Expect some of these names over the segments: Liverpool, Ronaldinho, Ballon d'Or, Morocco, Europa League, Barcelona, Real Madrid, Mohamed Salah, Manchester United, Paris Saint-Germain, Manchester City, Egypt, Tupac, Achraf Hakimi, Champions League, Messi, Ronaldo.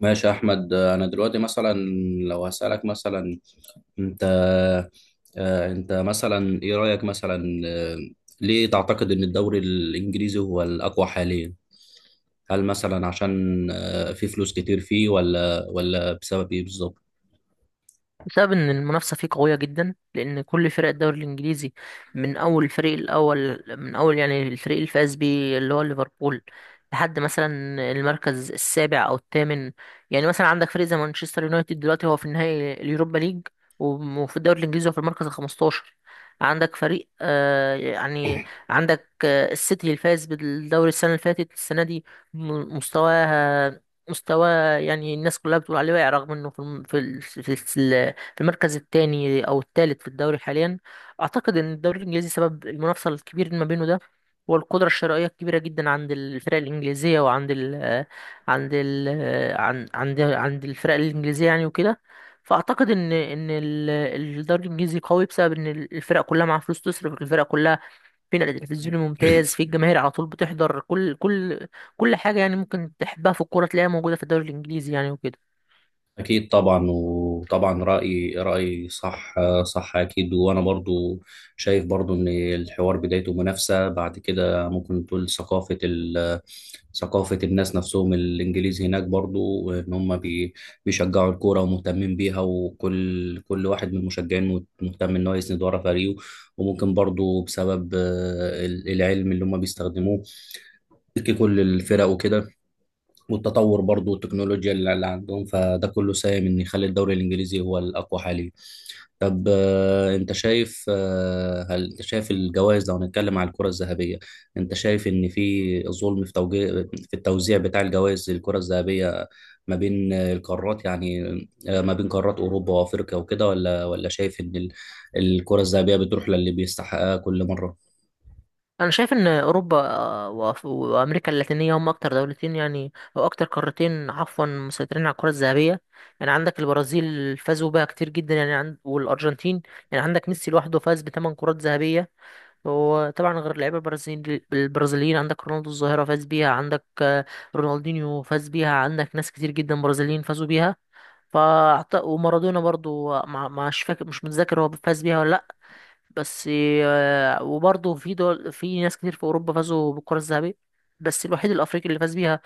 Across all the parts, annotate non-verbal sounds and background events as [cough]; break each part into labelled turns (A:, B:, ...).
A: ماشي يا احمد. انا دلوقتي مثلا لو هسألك مثلا انت، انت مثلا ايه رأيك مثلا، ليه تعتقد ان الدوري الانجليزي هو الاقوى حاليا؟ هل مثلا عشان في فلوس كتير فيه ولا بسبب ايه بالظبط؟
B: بسبب ان المنافسه فيه قويه جدا لان كل فرق الدوري الانجليزي من اول الفريق الاول من اول يعني الفريق اللي فاز بيه اللي هو ليفربول لحد مثلا المركز السابع او الثامن. يعني مثلا عندك فريق زي مانشستر يونايتد دلوقتي هو في النهائي اليوروبا ليج، وفي الدوري الانجليزي هو في المركز ال 15. عندك فريق آه يعني عندك السيتي اللي فاز بالدوري السنه اللي فاتت السنه دي م- مستواها مستوى، يعني الناس كلها بتقول عليه واقع رغم انه في المركز الثاني او الثالث في الدوري حاليا. اعتقد ان الدوري الانجليزي سبب المنافسه الكبير ما بينه ده هو القدره الشرائيه الكبيره جدا عند الفرق الانجليزيه وعند ال عند ال عن- عند عند الفرق الانجليزيه يعني وكده. فاعتقد ان الدوري الانجليزي قوي بسبب ان الفرق كلها معاها فلوس تصرف، الفرق كلها في نقل تلفزيوني ممتاز، في الجماهير على طول بتحضر، كل حاجه يعني ممكن تحبها في الكوره تلاقيها موجوده في الدوري الانجليزي يعني وكده.
A: أكيد طبعا، وطبعا رأي صح. صح أكيد، وأنا برضو شايف برضو إن الحوار بدايته منافسة، بعد كده ممكن تقول ثقافة الناس نفسهم الإنجليز هناك، برضو إن هم بيشجعوا الكورة ومهتمين بيها، وكل كل واحد من المشجعين مهتم إن هو يسند ورا فريقه. وممكن برضو بسبب العلم اللي هم بيستخدموه كل الفرق وكده، والتطور برضو والتكنولوجيا اللي عندهم، فده كله ساهم ان يخلي الدوري الانجليزي هو الاقوى حاليا. طب آه، انت شايف آه، هل انت شايف الجوائز، لو هنتكلم على الكرة الذهبية، انت شايف ان في ظلم في توجيه في التوزيع بتاع الجوائز للكرة الذهبية ما بين القارات يعني، ما بين قارات اوروبا وافريقيا وكده، ولا شايف ان الكرة الذهبية بتروح للي بيستحقها كل مرة؟
B: انا شايف ان اوروبا وامريكا اللاتينيه هم اكتر دولتين يعني او اكتر قارتين عفوا مسيطرين على الكره الذهبيه. يعني عندك البرازيل فازوا بها كتير جدا، يعني عند والارجنتين، يعني عندك ميسي لوحده فاز بـ 8 كرات ذهبيه. وطبعا غير اللعيبه البرازيل البرازيليين، عندك رونالدو الظاهره فاز بيها، عندك رونالدينيو فاز بيها، عندك ناس كتير جدا برازيليين فازوا بيها. ومارادونا برضو مش متذكر هو فاز بيها ولا بس. وبرضه في دول في ناس كتير في اوروبا فازوا بالكره الذهبيه. بس الوحيد الافريقي اللي فاز بيها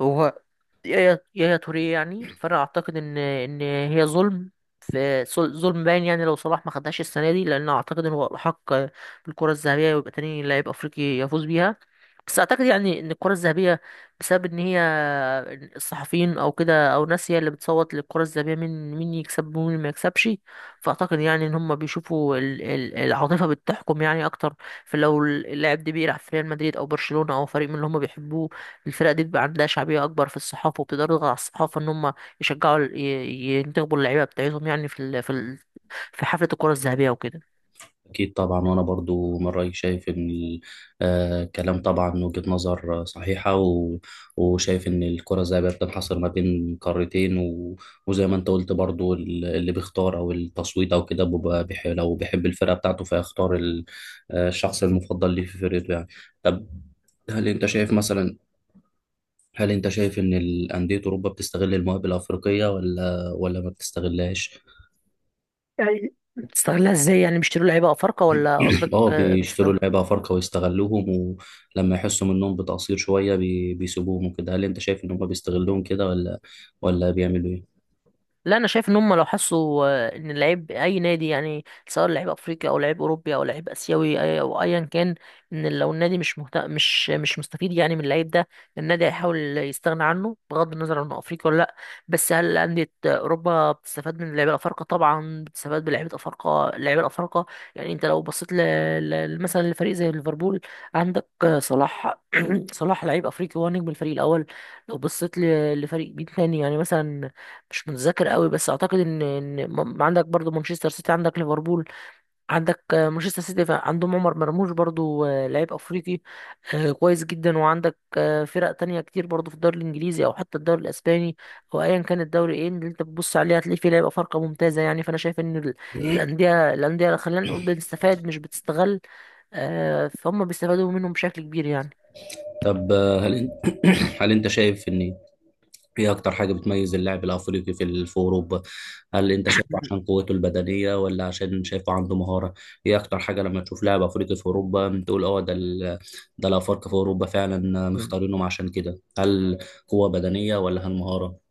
B: هو يا توريه، يعني فانا اعتقد ان هي ظلم، ظلم باين، يعني لو صلاح ما خدهاش السنه دي، لان اعتقد ان هو الحق بالكره الذهبيه ويبقى تاني لاعب افريقي يفوز بيها. بس اعتقد يعني ان الكرة الذهبية بسبب ان هي الصحفيين او كده او ناس، هي اللي بتصوت للكرة الذهبية مين مين يكسب ومين ما يكسبش. فاعتقد يعني ان هم بيشوفوا العاطفة بتحكم يعني اكتر. فلو اللاعب ده بيلعب في ريال مدريد او برشلونة او فريق من اللي هم بيحبوه، الفرقة دي بيبقى عندها شعبية اكبر في الصحافة، وبتقدر تضغط على الصحافة ان هم يشجعوا ينتخبوا اللعيبة بتاعتهم يعني في حفلة الكرة الذهبية وكده.
A: أكيد طبعا، وأنا برضو من رأيي شايف إن الكلام طبعا وجهة نظر صحيحة. و... وشايف إن الكرة زي ما بتنحصر ما بين قارتين، و... وزي ما أنت قلت برضو اللي بيختار أو التصويت أو كده بيبقى لو بيحب الفرقة بتاعته فيختار ال... آه، الشخص المفضل ليه في فرقته يعني. طب هل أنت شايف مثلا، هل أنت شايف إن الأندية أوروبا بتستغل المواهب الأفريقية ولا ما بتستغلهاش؟
B: يعني بتستغلها ازاي؟ يعني بيشتروا لعيبة افارقة ولا قصدك
A: اه
B: بس؟
A: بيشتروا لعيبة أفارقة ويستغلوهم، ولما يحسوا منهم بتقصير شوية بيسيبوهم وكده، هل أنت شايف إن هما بيستغلوهم كده ولا ولا بيعملوا إيه؟
B: لا، انا شايف ان هم لو حسوا ان اللعيب اي نادي يعني سواء لعيب افريقي او لعيب اوروبي او لعيب اسيوي او ايا كان، ان لو النادي مش مهت... مش مش مستفيد يعني من اللعيب ده، النادي هيحاول يستغنى عنه بغض النظر عن انه افريقي ولا لا. بس هل انديه اوروبا بتستفاد من اللعيبه الافارقه؟ طبعا بتستفاد بلعيبه افارقه، اللعيبه الافارقه يعني. انت لو بصيت مثلا لفريق زي ليفربول، عندك صلاح، [clears throat] صلاح لعيب افريقي هو نجم الفريق الاول. لو بصيت لفريق بيه تاني يعني مثلا، مش متذكر قوي، بس اعتقد ان عندك برضو مانشستر سيتي، عندك ليفربول، عندك مانشستر سيتي، عندهم عمر مرموش برضو لعيب افريقي كويس جدا. وعندك فرق تانية كتير برضو في الدوري الانجليزي او حتى الدوري الاسباني او ايا كان الدوري ايه اللي انت بتبص عليه، هتلاقي فيه لعيبه فرقه ممتازه يعني. فانا شايف ان الانديه خلينا نقول بتستفاد مش بتستغل، فهم بيستفادوا منهم بشكل كبير يعني.
A: طب هل أنت [coughs] هل أنت شايف إن إيه أكتر حاجة بتميز اللاعب الأفريقي في في أوروبا؟ هل أنت شايفه عشان قوته البدنية ولا عشان شايفه عنده مهارة؟ إيه أكتر حاجة لما تشوف لاعب أفريقي في أوروبا تقول أه ده ده الأفارقة في أوروبا فعلا مختارينهم عشان كده؟ هل قوة بدنية ولا هل مهارة؟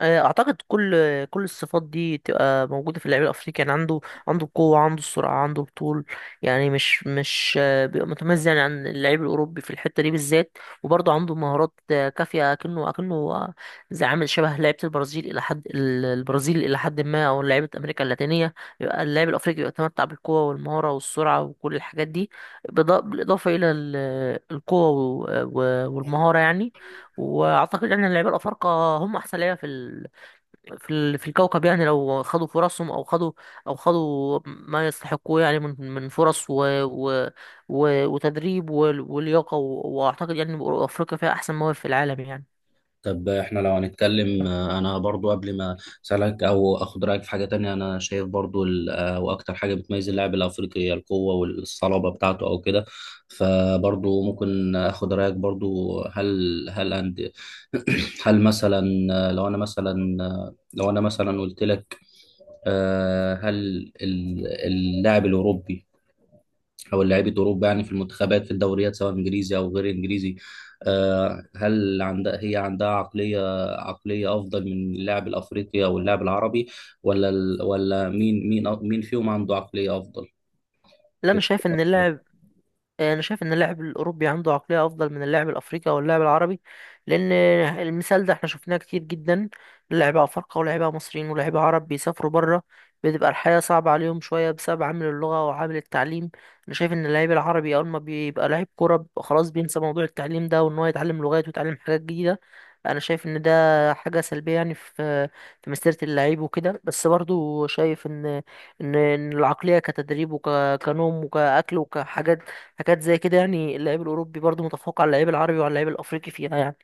B: اعتقد كل الصفات دي تبقى موجوده في اللعيب الافريقي، يعني عنده، عنده القوه، عنده السرعه، عنده الطول، يعني مش بيبقى متميز يعني عن اللعيب الاوروبي في الحته دي بالذات. وبرضه عنده مهارات كافيه اكنه زي عامل شبه لعيبه البرازيل الى حد ما او لعيبه امريكا اللاتينيه. يبقى اللاعب الافريقي بيتمتع بالقوه والمهاره والسرعه وكل الحاجات دي، بالاضافه الى القوه والمهاره يعني. واعتقد ان اللعيبه الافارقه هم احسن لعيبه في في في الكوكب، يعني لو خدوا فرصهم او خدوا ما يستحقوه يعني من فرص و وتدريب ولياقة، واعتقد يعني افريقيا فيها احسن مواهب في العالم يعني.
A: طب احنا لو هنتكلم، انا برضو قبل ما اسالك او اخد رايك في حاجه تانية، انا شايف برضو واكتر حاجه بتميز اللاعب الافريقي هي القوه والصلابه بتاعته او كده. فبرضو ممكن اخد رايك برضو، هل هل أند [clears throat] هل مثلا لو انا مثلا قلت لك، هل اللاعب الاوروبي او لعيبه اوروبا يعني في المنتخبات في الدوريات سواء انجليزي او غير انجليزي، هل عندها، هي عندها عقليه افضل من اللاعب الافريقي او اللاعب العربي، ولا مين فيهم عنده عقليه افضل
B: لا انا شايف ان
A: في؟
B: اللاعب انا شايف ان اللاعب الاوروبي عنده عقليه افضل من اللاعب الافريقي او اللاعب العربي، لان المثال ده احنا شفناه كتير جدا، لعيبه افارقه ولاعيبه مصريين ولاعيبه عرب بيسافروا بره، بتبقى الحياه صعبه عليهم شويه بسبب عامل اللغه وعامل التعليم. انا شايف ان اللاعب العربي اول ما بيبقى لاعب كوره بيبقى خلاص بينسى موضوع التعليم ده وان هو يتعلم لغات ويتعلم حاجات جديده. انا شايف ان ده حاجه سلبيه يعني في في مسيره اللعيب وكده، بس برضو شايف ان ان العقليه كتدريب وكنوم وكاكل وكحاجات حاجات زي كده يعني، اللعيب الأوروبي برضه متفوق على اللعيب العربي وعلى اللعيب الأفريقي فيها يعني.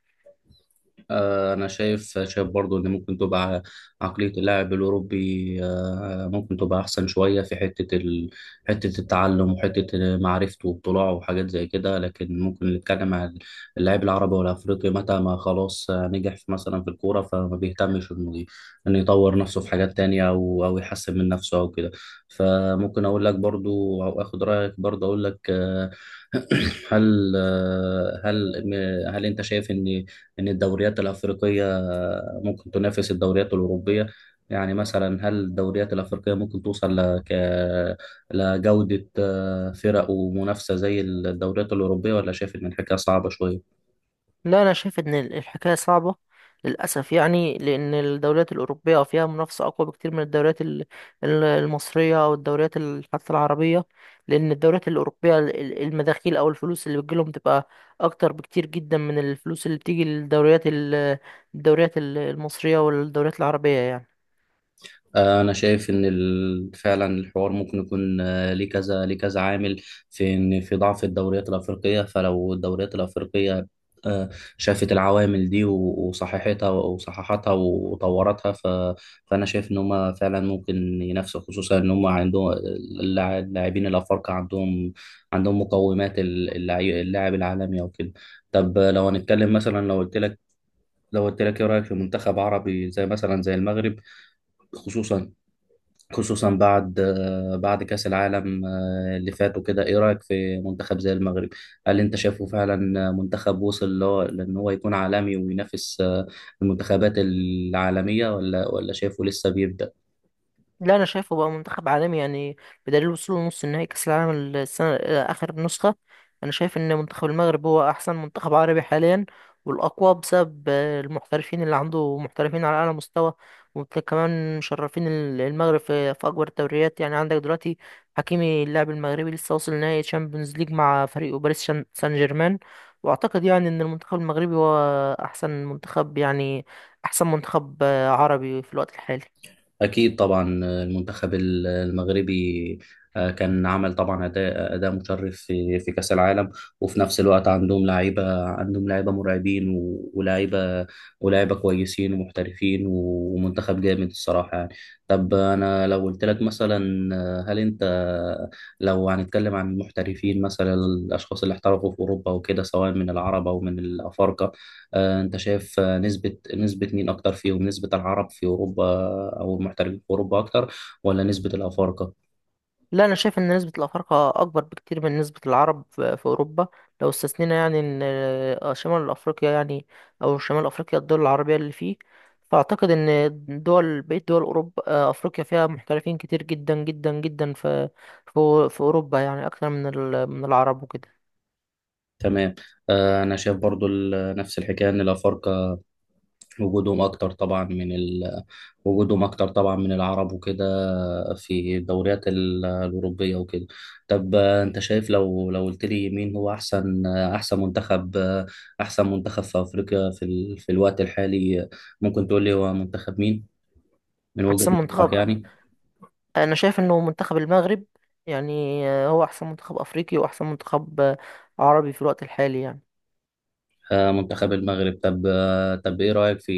A: أنا شايف برضو إن ممكن تبقى عقلية اللاعب الأوروبي، ممكن تبقى أحسن شوية في حتة التعلم وحتة معرفته واطلاعه وحاجات زي كده. لكن ممكن نتكلم عن اللاعب العربي والأفريقي متى ما خلاص، نجح في مثلا في الكورة، فما بيهتمش إنه يطور نفسه في حاجات تانية أو يحسن من نفسه أو كده. فممكن أقول لك برضو أو آخد رأيك برضو، أقول لك آه، [clears throat] هل آه، هل هل أنت شايف إن ان الدوريات الافريقيه ممكن تنافس الدوريات الاوروبيه؟ يعني مثلا هل الدوريات الافريقيه ممكن توصل لك لجوده فرق ومنافسه زي الدوريات الاوروبيه، ولا شايف ان الحكايه صعبه شويه؟
B: لا، أنا شايف إن الحكاية صعبة للأسف، يعني لأن الدوريات الأوروبية فيها منافسة أقوى بكتير من الدوريات المصرية أو الدوريات حتى العربية. لأن الدوريات الأوروبية المداخيل أو الفلوس اللي بتجيلهم بتبقى أكتر بكتير جدا من الفلوس اللي بتيجي للدوريات المصرية والدوريات العربية يعني.
A: انا شايف ان فعلا الحوار ممكن يكون ليه كذا ليه كذا عامل في ان في ضعف الدوريات الافريقيه. فلو الدوريات الافريقيه آه، شافت العوامل دي وصححتها وطورتها، ف... فانا شايف ان هم فعلا ممكن ينافسوا، خصوصا ان هم عندهم اللاعبين الافارقه عندهم مقومات اللاعب العالمي او كده. طب لو هنتكلم مثلا، لو قلت لك ايه رايك في منتخب عربي زي مثلا زي المغرب، خصوصا خصوصا بعد بعد كأس العالم اللي فات وكده، ايه رأيك في منتخب زي المغرب؟ هل انت شايفه فعلا منتخب وصل اللي هو لان هو يكون عالمي وينافس المنتخبات العالمية، ولا شايفه لسه بيبدأ؟
B: لا، انا شايفه بقى منتخب عالمي يعني، بدليل وصوله نص نهائي كاس العالم السنه اخر نسخه. انا شايف ان منتخب المغرب هو احسن منتخب عربي حاليا والاقوى بسبب المحترفين اللي عنده، محترفين على اعلى مستوى وكمان مشرفين المغرب في اكبر الدوريات. يعني عندك دلوقتي حكيمي اللاعب المغربي لسه واصل نهائي تشامبيونز ليج مع فريقه باريس سان جيرمان. واعتقد يعني ان المنتخب المغربي هو احسن منتخب يعني، احسن منتخب عربي في الوقت الحالي.
A: أكيد طبعا المنتخب المغربي كان عمل طبعا أداء مشرف في في كأس العالم، وفي نفس الوقت عندهم لعيبة مرعبين ولاعيبة كويسين ومحترفين ومنتخب جامد الصراحة يعني. طب أنا لو قلت لك مثلا، آه، هل أنت لو هنتكلم عن المحترفين مثلا، الأشخاص اللي احترفوا في أوروبا وكده سواء من العرب أو من الأفارقة، آه، انت شايف آه، نسبة مين اكتر فيهم، نسبة العرب في اوروبا او المحترفين في اوروبا اكتر، ولا نسبة الافارقة؟
B: لا، انا شايف ان نسبة الافارقة اكبر بكتير من نسبة العرب في اوروبا، لو استثنينا يعني ان شمال افريقيا يعني، او شمال افريقيا الدول العربية اللي فيه. فاعتقد ان دول بقية دول اوروبا، افريقيا فيها محترفين كتير جدا جدا جدا في في اوروبا يعني اكتر من من العرب وكده.
A: تمام. انا شايف برضو نفس الحكاية ان الافارقة وجودهم اكتر طبعا من ال... وجودهم اكتر طبعا من العرب وكده في الدوريات الاوروبية وكده. طب انت شايف، لو قلت لي مين هو احسن احسن منتخب في افريقيا في في الوقت الحالي، ممكن تقول لي هو منتخب مين من وجهة
B: احسن
A: نظرك
B: منتخب،
A: يعني؟
B: انا شايف انه منتخب المغرب، يعني هو احسن منتخب افريقي واحسن منتخب عربي في الوقت الحالي يعني.
A: منتخب المغرب. طب ايه رأيك في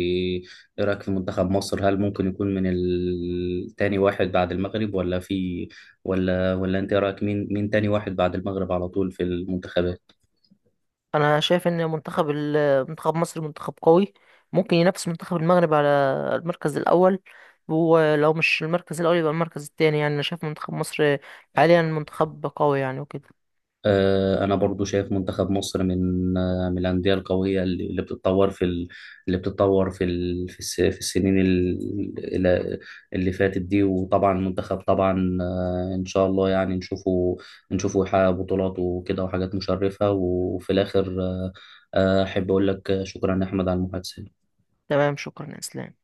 A: منتخب مصر؟ هل ممكن يكون من تاني واحد بعد المغرب ولا في ولا ولا انت إيه رأيك، مين مين تاني واحد بعد المغرب على طول في المنتخبات؟
B: انا شايف ان منتخب منتخب مصر منتخب قوي، ممكن ينافس منتخب المغرب على المركز الاول، ولو مش المركز الاول يبقى المركز التاني يعني. انا شايف منتخب مصر حاليا منتخب قوي يعني وكده.
A: انا برضو شايف منتخب مصر من من الانديه القويه اللي بتتطور في في السنين الى- اللي فاتت دي. وطبعا المنتخب طبعا ان شاء الله يعني نشوفه يحقق بطولات وكده وحاجات مشرفه. وفي الاخر احب اقول لك شكرا يا احمد على المحادثه.
B: تمام، شكرا يا اسلام.